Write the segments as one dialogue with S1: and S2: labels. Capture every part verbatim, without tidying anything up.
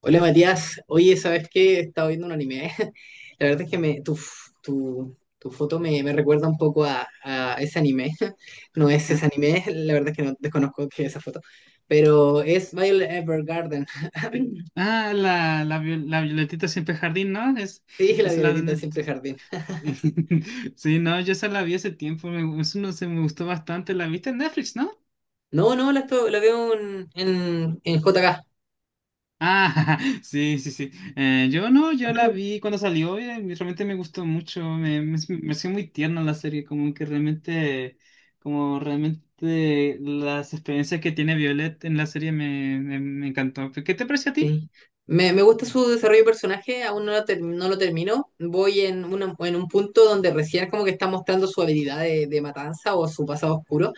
S1: Hola Matías, oye, ¿sabes qué? He estado viendo un anime. La verdad es que me, tu, f- tu, tu foto me, me recuerda un poco a, a ese anime. No es ese
S2: Ah,
S1: anime, la verdad es que no desconozco qué es esa foto. Pero es Violet Evergarden.
S2: ah, la, la, viol- la Violetita siempre jardín, ¿no? Es,
S1: Sí, la
S2: es la
S1: violetita
S2: de...
S1: siempre jardín.
S2: Sí, no, yo esa la vi hace tiempo, me, eso no sé, me gustó bastante, la viste en Netflix, ¿no?
S1: No, no, la, esto- La veo en, en, en J K.
S2: Ah, sí, sí, sí. Eh, yo no, yo la vi cuando salió y eh, realmente me gustó mucho, me, me, me pareció muy tierna la serie, como que realmente, como realmente las experiencias que tiene Violet en la serie me, me, me encantó. ¿Qué te pareció a ti?
S1: Sí. Me, me gusta su desarrollo de personaje, aún no lo, ter- no lo termino. Voy en, una- en un punto donde recién como que está mostrando su habilidad de, de matanza o su pasado oscuro.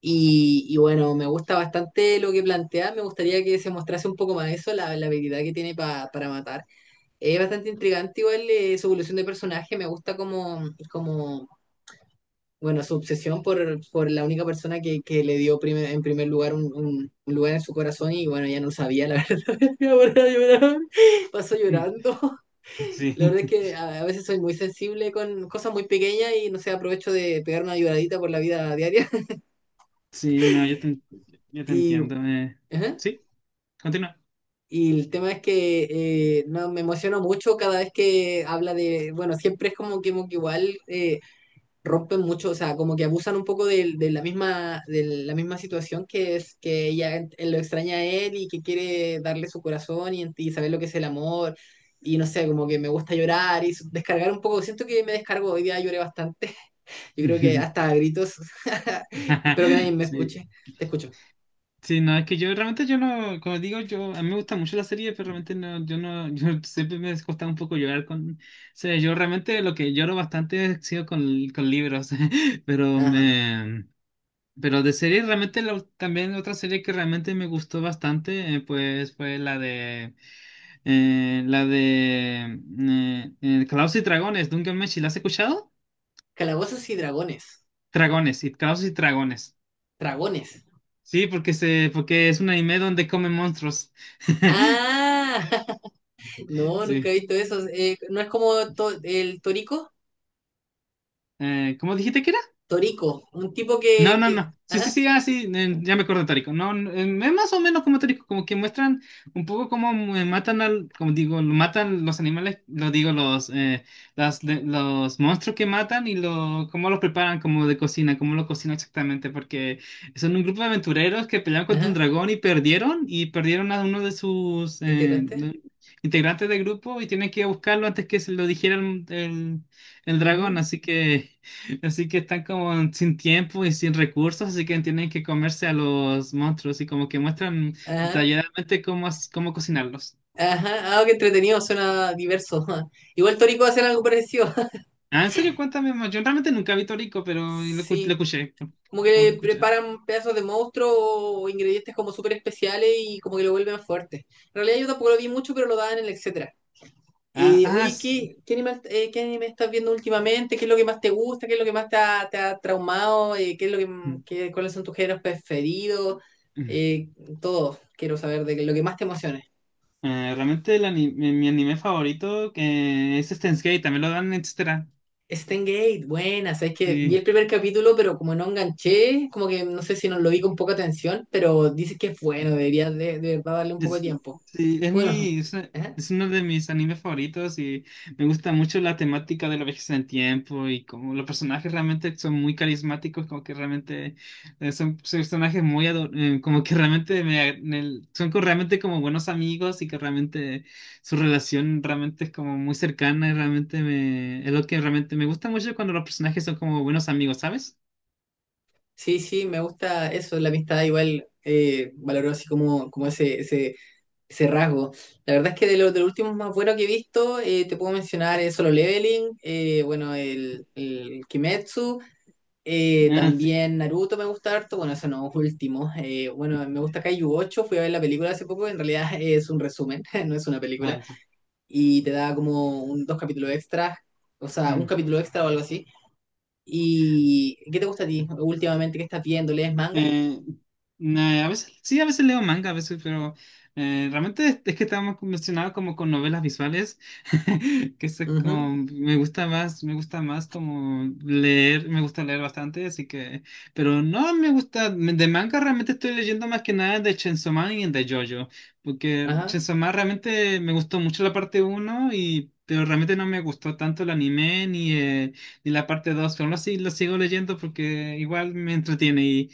S1: Y, y bueno, me gusta bastante lo que plantea, me gustaría que se mostrase un poco más eso, la, la habilidad que tiene pa- para matar. Es bastante intrigante igual eh, su evolución de personaje, me gusta como, como bueno, su obsesión por, por la única persona que, que le dio primer- en primer lugar un, un- un lugar en su corazón y bueno, ya no sabía, la verdad, me voy a llorar, paso
S2: Mm.
S1: llorando.
S2: Sí.
S1: La verdad es que a, a veces soy muy sensible con cosas muy pequeñas y no sé, aprovecho de pegar una lloradita por la vida diaria.
S2: Sí, no, yo te, en- yo te
S1: Y,
S2: entiendo. eh.
S1: ajá.
S2: Sí, continúa.
S1: Y el tema es que eh, no, me emociono mucho cada vez que habla de, bueno, siempre es como que, como que igual eh, rompen mucho, o sea, como que abusan un poco de, de la misma, de la misma situación que es que ella él lo extraña a él y que quiere darle su corazón y, y saber lo que es el amor. Y no sé, como que me gusta llorar y descargar un poco. Siento que me descargo, hoy día lloré bastante. Yo creo que hasta a gritos. Espero que nadie me
S2: Sí.
S1: escuche. Te escucho.
S2: Sí, no, es que yo realmente yo no, como digo, yo a mí me gusta mucho la serie, pero realmente no, yo no, yo siempre me costaba un poco llorar con, o sea, yo realmente lo que lloro bastante ha sido con, con libros, pero
S1: Ajá.
S2: me. Pero de serie, realmente la ul- también otra serie que realmente me gustó bastante, eh, pues fue la de eh, la de eh, eh, Calabozos y Dragones, Dungeon Meshi, ¿la has escuchado?
S1: Calabozos y dragones.
S2: Dragones, y Calabozos y Dragones.
S1: Dragones.
S2: Sí, porque se, porque es un anime donde comen monstruos.
S1: Ah, no, nunca
S2: Sí.
S1: he visto eso. Eh, ¿no es como to- el Torico?
S2: Eh, ¿cómo dijiste que era?
S1: Torico, un tipo
S2: No,
S1: que,
S2: no,
S1: que...
S2: no. Sí, sí,
S1: Ajá,
S2: sí, ah, sí, eh, ya me acuerdo de Tórico. No, no, eh, es más o menos como Tórico, como que muestran un poco cómo eh, matan al, como digo, lo matan los animales, lo digo, los, eh, las- de- los monstruos que matan y lo, cómo los preparan como de cocina, cómo lo cocinan exactamente, porque son un grupo de aventureros que pelearon contra un
S1: ajá,
S2: dragón y perdieron, y perdieron a uno de sus eh,
S1: integrante.
S2: de- integrantes del grupo y tienen que buscarlo antes que se lo dijera el, el el dragón,
S1: Ujú,
S2: así que... Así que están como sin tiempo y sin recursos, así que tienen que comerse a los monstruos y como que muestran
S1: ajá,
S2: detalladamente cómo, as- cómo cocinarlos.
S1: ajá, ah, qué entretenido, suena diverso. Igual Torico hace algo parecido.
S2: Ah, en serio, cuéntame más. Yo realmente nunca vi Torico, pero lo, escu- lo
S1: Sí,
S2: escuché.
S1: como
S2: Como que
S1: que
S2: escuché.
S1: preparan pedazos de monstruo o ingredientes como súper especiales y como que lo vuelven fuerte. En realidad yo tampoco lo vi mucho, pero lo daban en el etcétera.
S2: Ah,
S1: Eh,
S2: ah,
S1: oye,
S2: s-
S1: ¿qué, qué anime, eh, qué anime estás viendo últimamente? ¿Qué es lo que más te gusta? ¿Qué es lo que más te ha, te ha traumado? Eh, ¿qué es lo que,
S2: mm,
S1: qué- cuáles son tus géneros preferidos?
S2: mm.
S1: Eh, todo, quiero saber de lo que más te emocione.
S2: Eh, realmente el ani- mi, mi anime favorito que es Steins Gate, también lo dan, etcétera.
S1: Gate, buena, sabes que vi el
S2: Sí.
S1: primer capítulo, pero como no enganché, como que no sé si nos lo vi con poca atención, pero dices que es bueno, deberías de, de verdad darle un poco de
S2: Es,
S1: tiempo.
S2: sí, es
S1: Bueno,
S2: mi, es,
S1: ajá.
S2: es uno de mis animes favoritos y me gusta mucho la temática de la vejez en el tiempo y como los personajes realmente son muy carismáticos, como que realmente eh, son, son personajes muy, ado- eh, como que realmente me, ag- me- son co- realmente como buenos amigos y que realmente su relación realmente es como muy cercana y realmente me, es lo que realmente me gusta mucho cuando los personajes son como buenos amigos, ¿sabes?
S1: Sí, sí, me gusta eso, la amistad igual eh, valoró así como, como ese, ese ese rasgo. La verdad es que de los, de los últimos más buenos que he visto, eh, te puedo mencionar eh, Solo Leveling, eh, bueno, el, el Kimetsu, eh,
S2: Ah, sí.
S1: también Naruto me gusta harto, bueno, eso no, último. eh, bueno, me gusta Kaiju ocho, fui a ver la película hace poco, en realidad es un resumen, no es una película,
S2: Ah,
S1: y te da como un, dos capítulos extras, o sea, un
S2: sí.
S1: capítulo extra o algo así. ¿Y qué te gusta a ti últimamente que estás viendo? ¿Lees manga?
S2: Eh, nah, a veces, sí, a veces leo manga, a veces, pero eh, realmente es, es que estamos mencionados como con novelas visuales, que eso es
S1: Ujú,
S2: como, me gusta más, me gusta más como leer, me gusta leer bastante, así que, pero no me gusta, de manga realmente estoy leyendo más que nada de Chainsaw Man y de JoJo, porque
S1: ajá.
S2: Chainsaw Man realmente me gustó mucho la parte uno y... Pero realmente no me gustó tanto el anime ni, eh, ni la parte dos pero aún así lo sigo leyendo porque igual me entretiene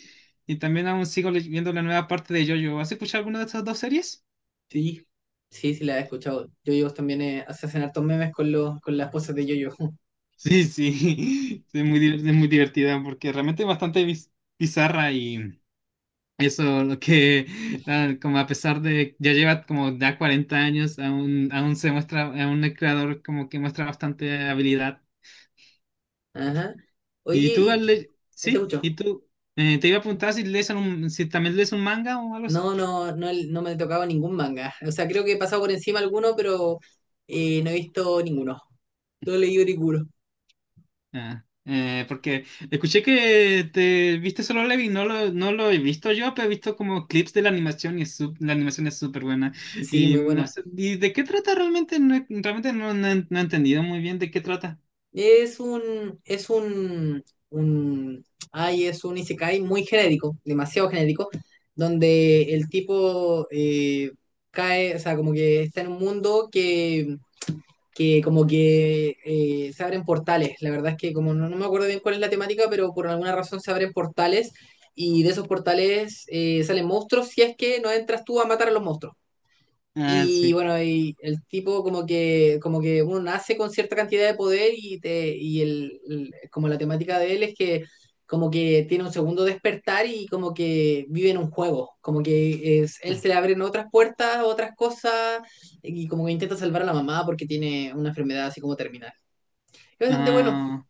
S2: y también aún sigo le- viendo la nueva parte de JoJo. ¿Has escuchado alguna de estas dos series?
S1: Sí, sí, sí la he escuchado. Yoyos también eh, hace hacen hartos memes con los con las poses de Yoyo.
S2: Sí, sí. Es muy, di- es muy divertida porque realmente es bastante biz- bizarra y eso, lo que, nada, como a pesar de ya lleva como ya cuarenta años, aún, aún se muestra, aún el creador como que muestra bastante habilidad.
S1: Ajá.
S2: ¿Y
S1: Oye,
S2: tú,
S1: ¿y qué-
S2: Ale-
S1: ¿qué te
S2: sí?
S1: escucho?
S2: ¿Y tú? Eh, te iba a preguntar si lees un, si también lees un manga o algo así.
S1: No, no, no, no me he tocado ningún manga. O sea, creo que he pasado por encima alguno, pero eh, no he visto ninguno. No he leído ninguno.
S2: Ah, eh, porque escuché que te viste Solo Leveling, no lo, no lo he visto yo, pero he visto como clips de la animación y es sup- la animación es súper buena.
S1: Sí,
S2: Y
S1: muy
S2: no
S1: buena.
S2: sé, ¿y de qué trata realmente? No, he- realmente no, no he no he entendido muy bien de qué trata.
S1: Es un, es un, un, ay, es un isekai muy genérico, demasiado genérico, donde el tipo eh, cae, o sea, como que está en un mundo que que como que eh, se abren portales. La verdad es que como no, no me acuerdo bien cuál es la temática, pero por alguna razón se abren portales y de esos portales eh, salen monstruos si es que no entras tú a matar a los monstruos.
S2: Ah,
S1: Y
S2: sí.
S1: bueno, y el tipo como que, como que uno nace con cierta cantidad de poder y, te, y el, el- como la temática de él es que como que tiene un segundo despertar y como que vive en un juego, como que es, él
S2: Ah,
S1: se le abren otras puertas, otras cosas y como que intenta salvar a la mamá porque tiene una enfermedad así como terminal. Es bastante bueno,
S2: ah.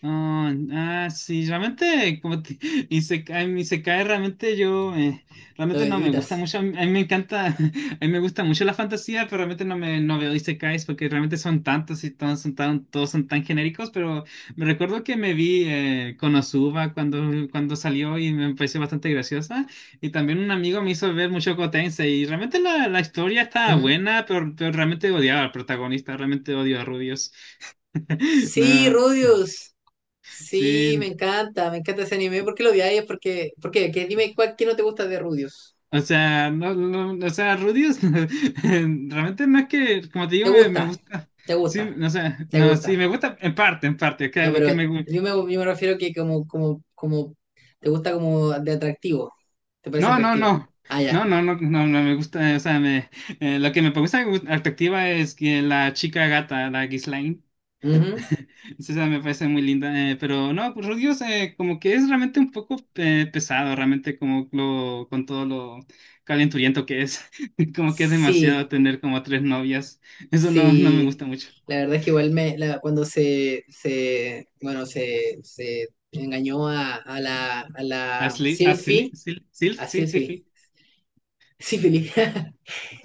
S2: Ah, ah, sí, realmente, como te, Isekai, mi Isekai realmente yo, eh,
S1: lo
S2: realmente no me gusta
S1: evitas.
S2: mucho, a mí, a mí me encanta, a mí me gusta mucho la fantasía, pero realmente no me, no veo Isekais porque realmente son tantos y todos son tan, todos son tan genéricos, pero me recuerdo que me vi eh, Konosuba cuando, cuando salió y me pareció bastante graciosa, y también un amigo me hizo ver mucho Gotense, y realmente la, la historia estaba
S1: Ujú.
S2: buena, pero, pero realmente odiaba al protagonista, realmente odio a Rubius.
S1: Sí,
S2: No,
S1: Rudius. Sí,
S2: sí.
S1: me encanta, me encanta ese anime. ¿Por qué lo odiáis? Porque, ¿por qué? ¿Qué- dime cuál, qué no te gusta de Rudius.
S2: O sea, no, no, no, o sea, Rudius, realmente no es que, como te
S1: Te
S2: digo, me, me
S1: gusta,
S2: gusta.
S1: te
S2: Sí,
S1: gusta,
S2: no, o sea,
S1: te
S2: no, sí,
S1: gusta.
S2: me gusta en parte, en parte, que
S1: No,
S2: lo
S1: pero
S2: que me gusta.
S1: yo me, yo me refiero que como, como, como, te gusta como de atractivo. ¿Te parece
S2: No, no,
S1: atractivo?
S2: no.
S1: Ah, ya.
S2: No, no, no, no, no me gusta, o sea, me, eh, lo que me gusta en perspectiva es que la chica gata, la Ghislaine.
S1: Ujú.
S2: Sí, o sea, me parece muy linda, eh, pero no, pues Rudios eh, como que es realmente un poco eh, pesado, realmente como lo, con todo lo calenturiento que es, como que es
S1: Sí,
S2: demasiado tener como tres novias, eso no, no me
S1: sí.
S2: gusta mucho.
S1: La verdad es que igual me, la- cuando se, se, bueno, se, se engañó a, a la, a la
S2: Asli, Asli,
S1: Silphy,
S2: Sil, Silf,
S1: a
S2: sí, sí,
S1: Silphy,
S2: sí.
S1: Sífilis.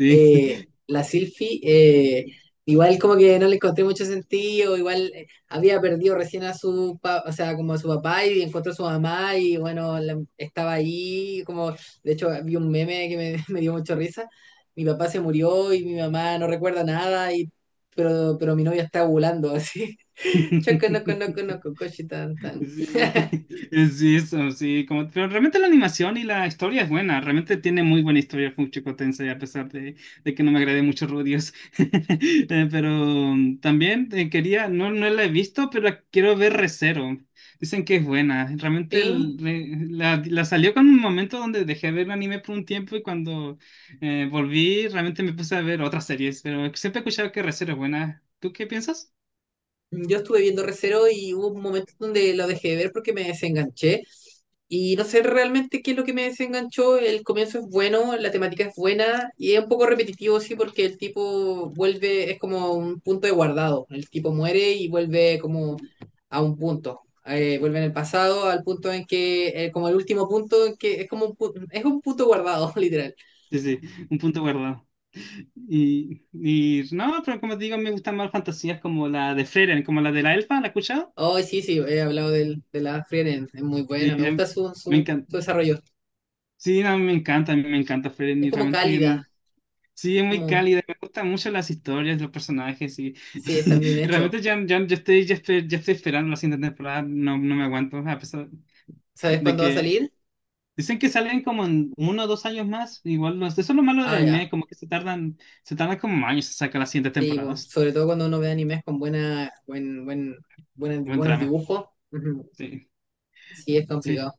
S1: eh, la Silfi, eh, igual como que no le encontré mucho sentido, igual eh, había perdido recién a su, pa- o sea, como a su papá y encontró a su mamá y bueno, la- estaba ahí, como, de hecho vi un meme que me, me dio mucho risa, mi papá se murió y mi mamá no recuerda nada y... Pero, pero mi novia está ovulando así.
S2: Sí.
S1: Choco, no, no, no, coche, tan, tan.
S2: Sí, sí, eso, sí, como, pero realmente la animación y la historia es buena, realmente tiene muy buena historia Funchiko Tensei, a pesar de, de que no me agrade mucho Rudios. Eh, pero mm, también eh, quería, no, no la he visto, pero la quiero ver Re:Zero. Dicen que es buena, realmente el-
S1: Sí,
S2: re- la, la salió con un momento donde dejé de ver anime por un tiempo y cuando eh, volví realmente me puse a ver otras series, pero siempre he escuchado que Re:Zero es buena. ¿Tú qué piensas?
S1: yo estuve viendo Recero y hubo momentos donde lo dejé de ver porque me desenganché. Y no sé realmente qué es lo que me desenganchó. El comienzo es bueno, la temática es buena y es un poco repetitivo, sí, porque el tipo vuelve, es como un punto de guardado. El tipo muere y vuelve como a un punto. Eh, vuelve en el pasado al punto en que, eh, como el último punto, en que es como un, pu- es un punto guardado, literal.
S2: Sí, sí, un punto guardado. Y, y no, pero como te digo, me gustan más fantasías como la de Frieren, como la de la elfa, ¿la has escuchado?
S1: Oh, sí, sí, he hablado del, de la Frieren, es muy
S2: Sí,
S1: buena, me
S2: em,
S1: gusta su,
S2: me
S1: su,
S2: encanta.
S1: su desarrollo.
S2: Sí, no me encanta, a mí me encanta Frieren
S1: Es
S2: y
S1: como
S2: realmente em,
S1: cálida,
S2: sí es muy
S1: como,
S2: cálida, me gustan mucho las historias, los personajes y,
S1: sí, está bien
S2: y
S1: hecho.
S2: realmente ya, ya, ya estoy, ya estoy, ya estoy esperando la siguiente temporada, no, no me aguanto, a pesar
S1: ¿Sabes
S2: de
S1: cuándo va a
S2: que
S1: salir?
S2: dicen que salen como en uno o dos años más, igual no, eso es lo malo del
S1: Ah, ya.
S2: anime, como que se tardan, se tardan como años en sacar las siguientes
S1: Sí, po,
S2: temporadas.
S1: sobre todo cuando uno ve animes con buena, buen, buen, buena-
S2: Buen
S1: buenos
S2: trama,
S1: dibujos. Ujú.
S2: sí.
S1: Sí, es
S2: Sí,
S1: complicado.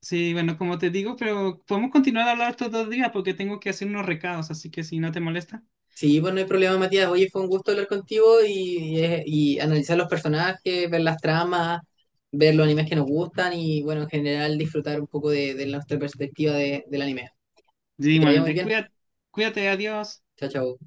S2: sí, bueno, como te digo, pero podemos continuar a hablar estos dos días porque tengo que hacer unos recados, así que si no te molesta.
S1: Sí, pues no hay problema, Matías. Oye, fue un gusto hablar contigo y, y, y analizar los personajes, ver las tramas, ver los animes que nos gustan y, bueno, en general disfrutar un poco de, de nuestra perspectiva de- del anime.
S2: Sí,
S1: Que te vaya muy
S2: igualmente,
S1: bien.
S2: cuídate, cuídate, adiós.
S1: Chao, chao.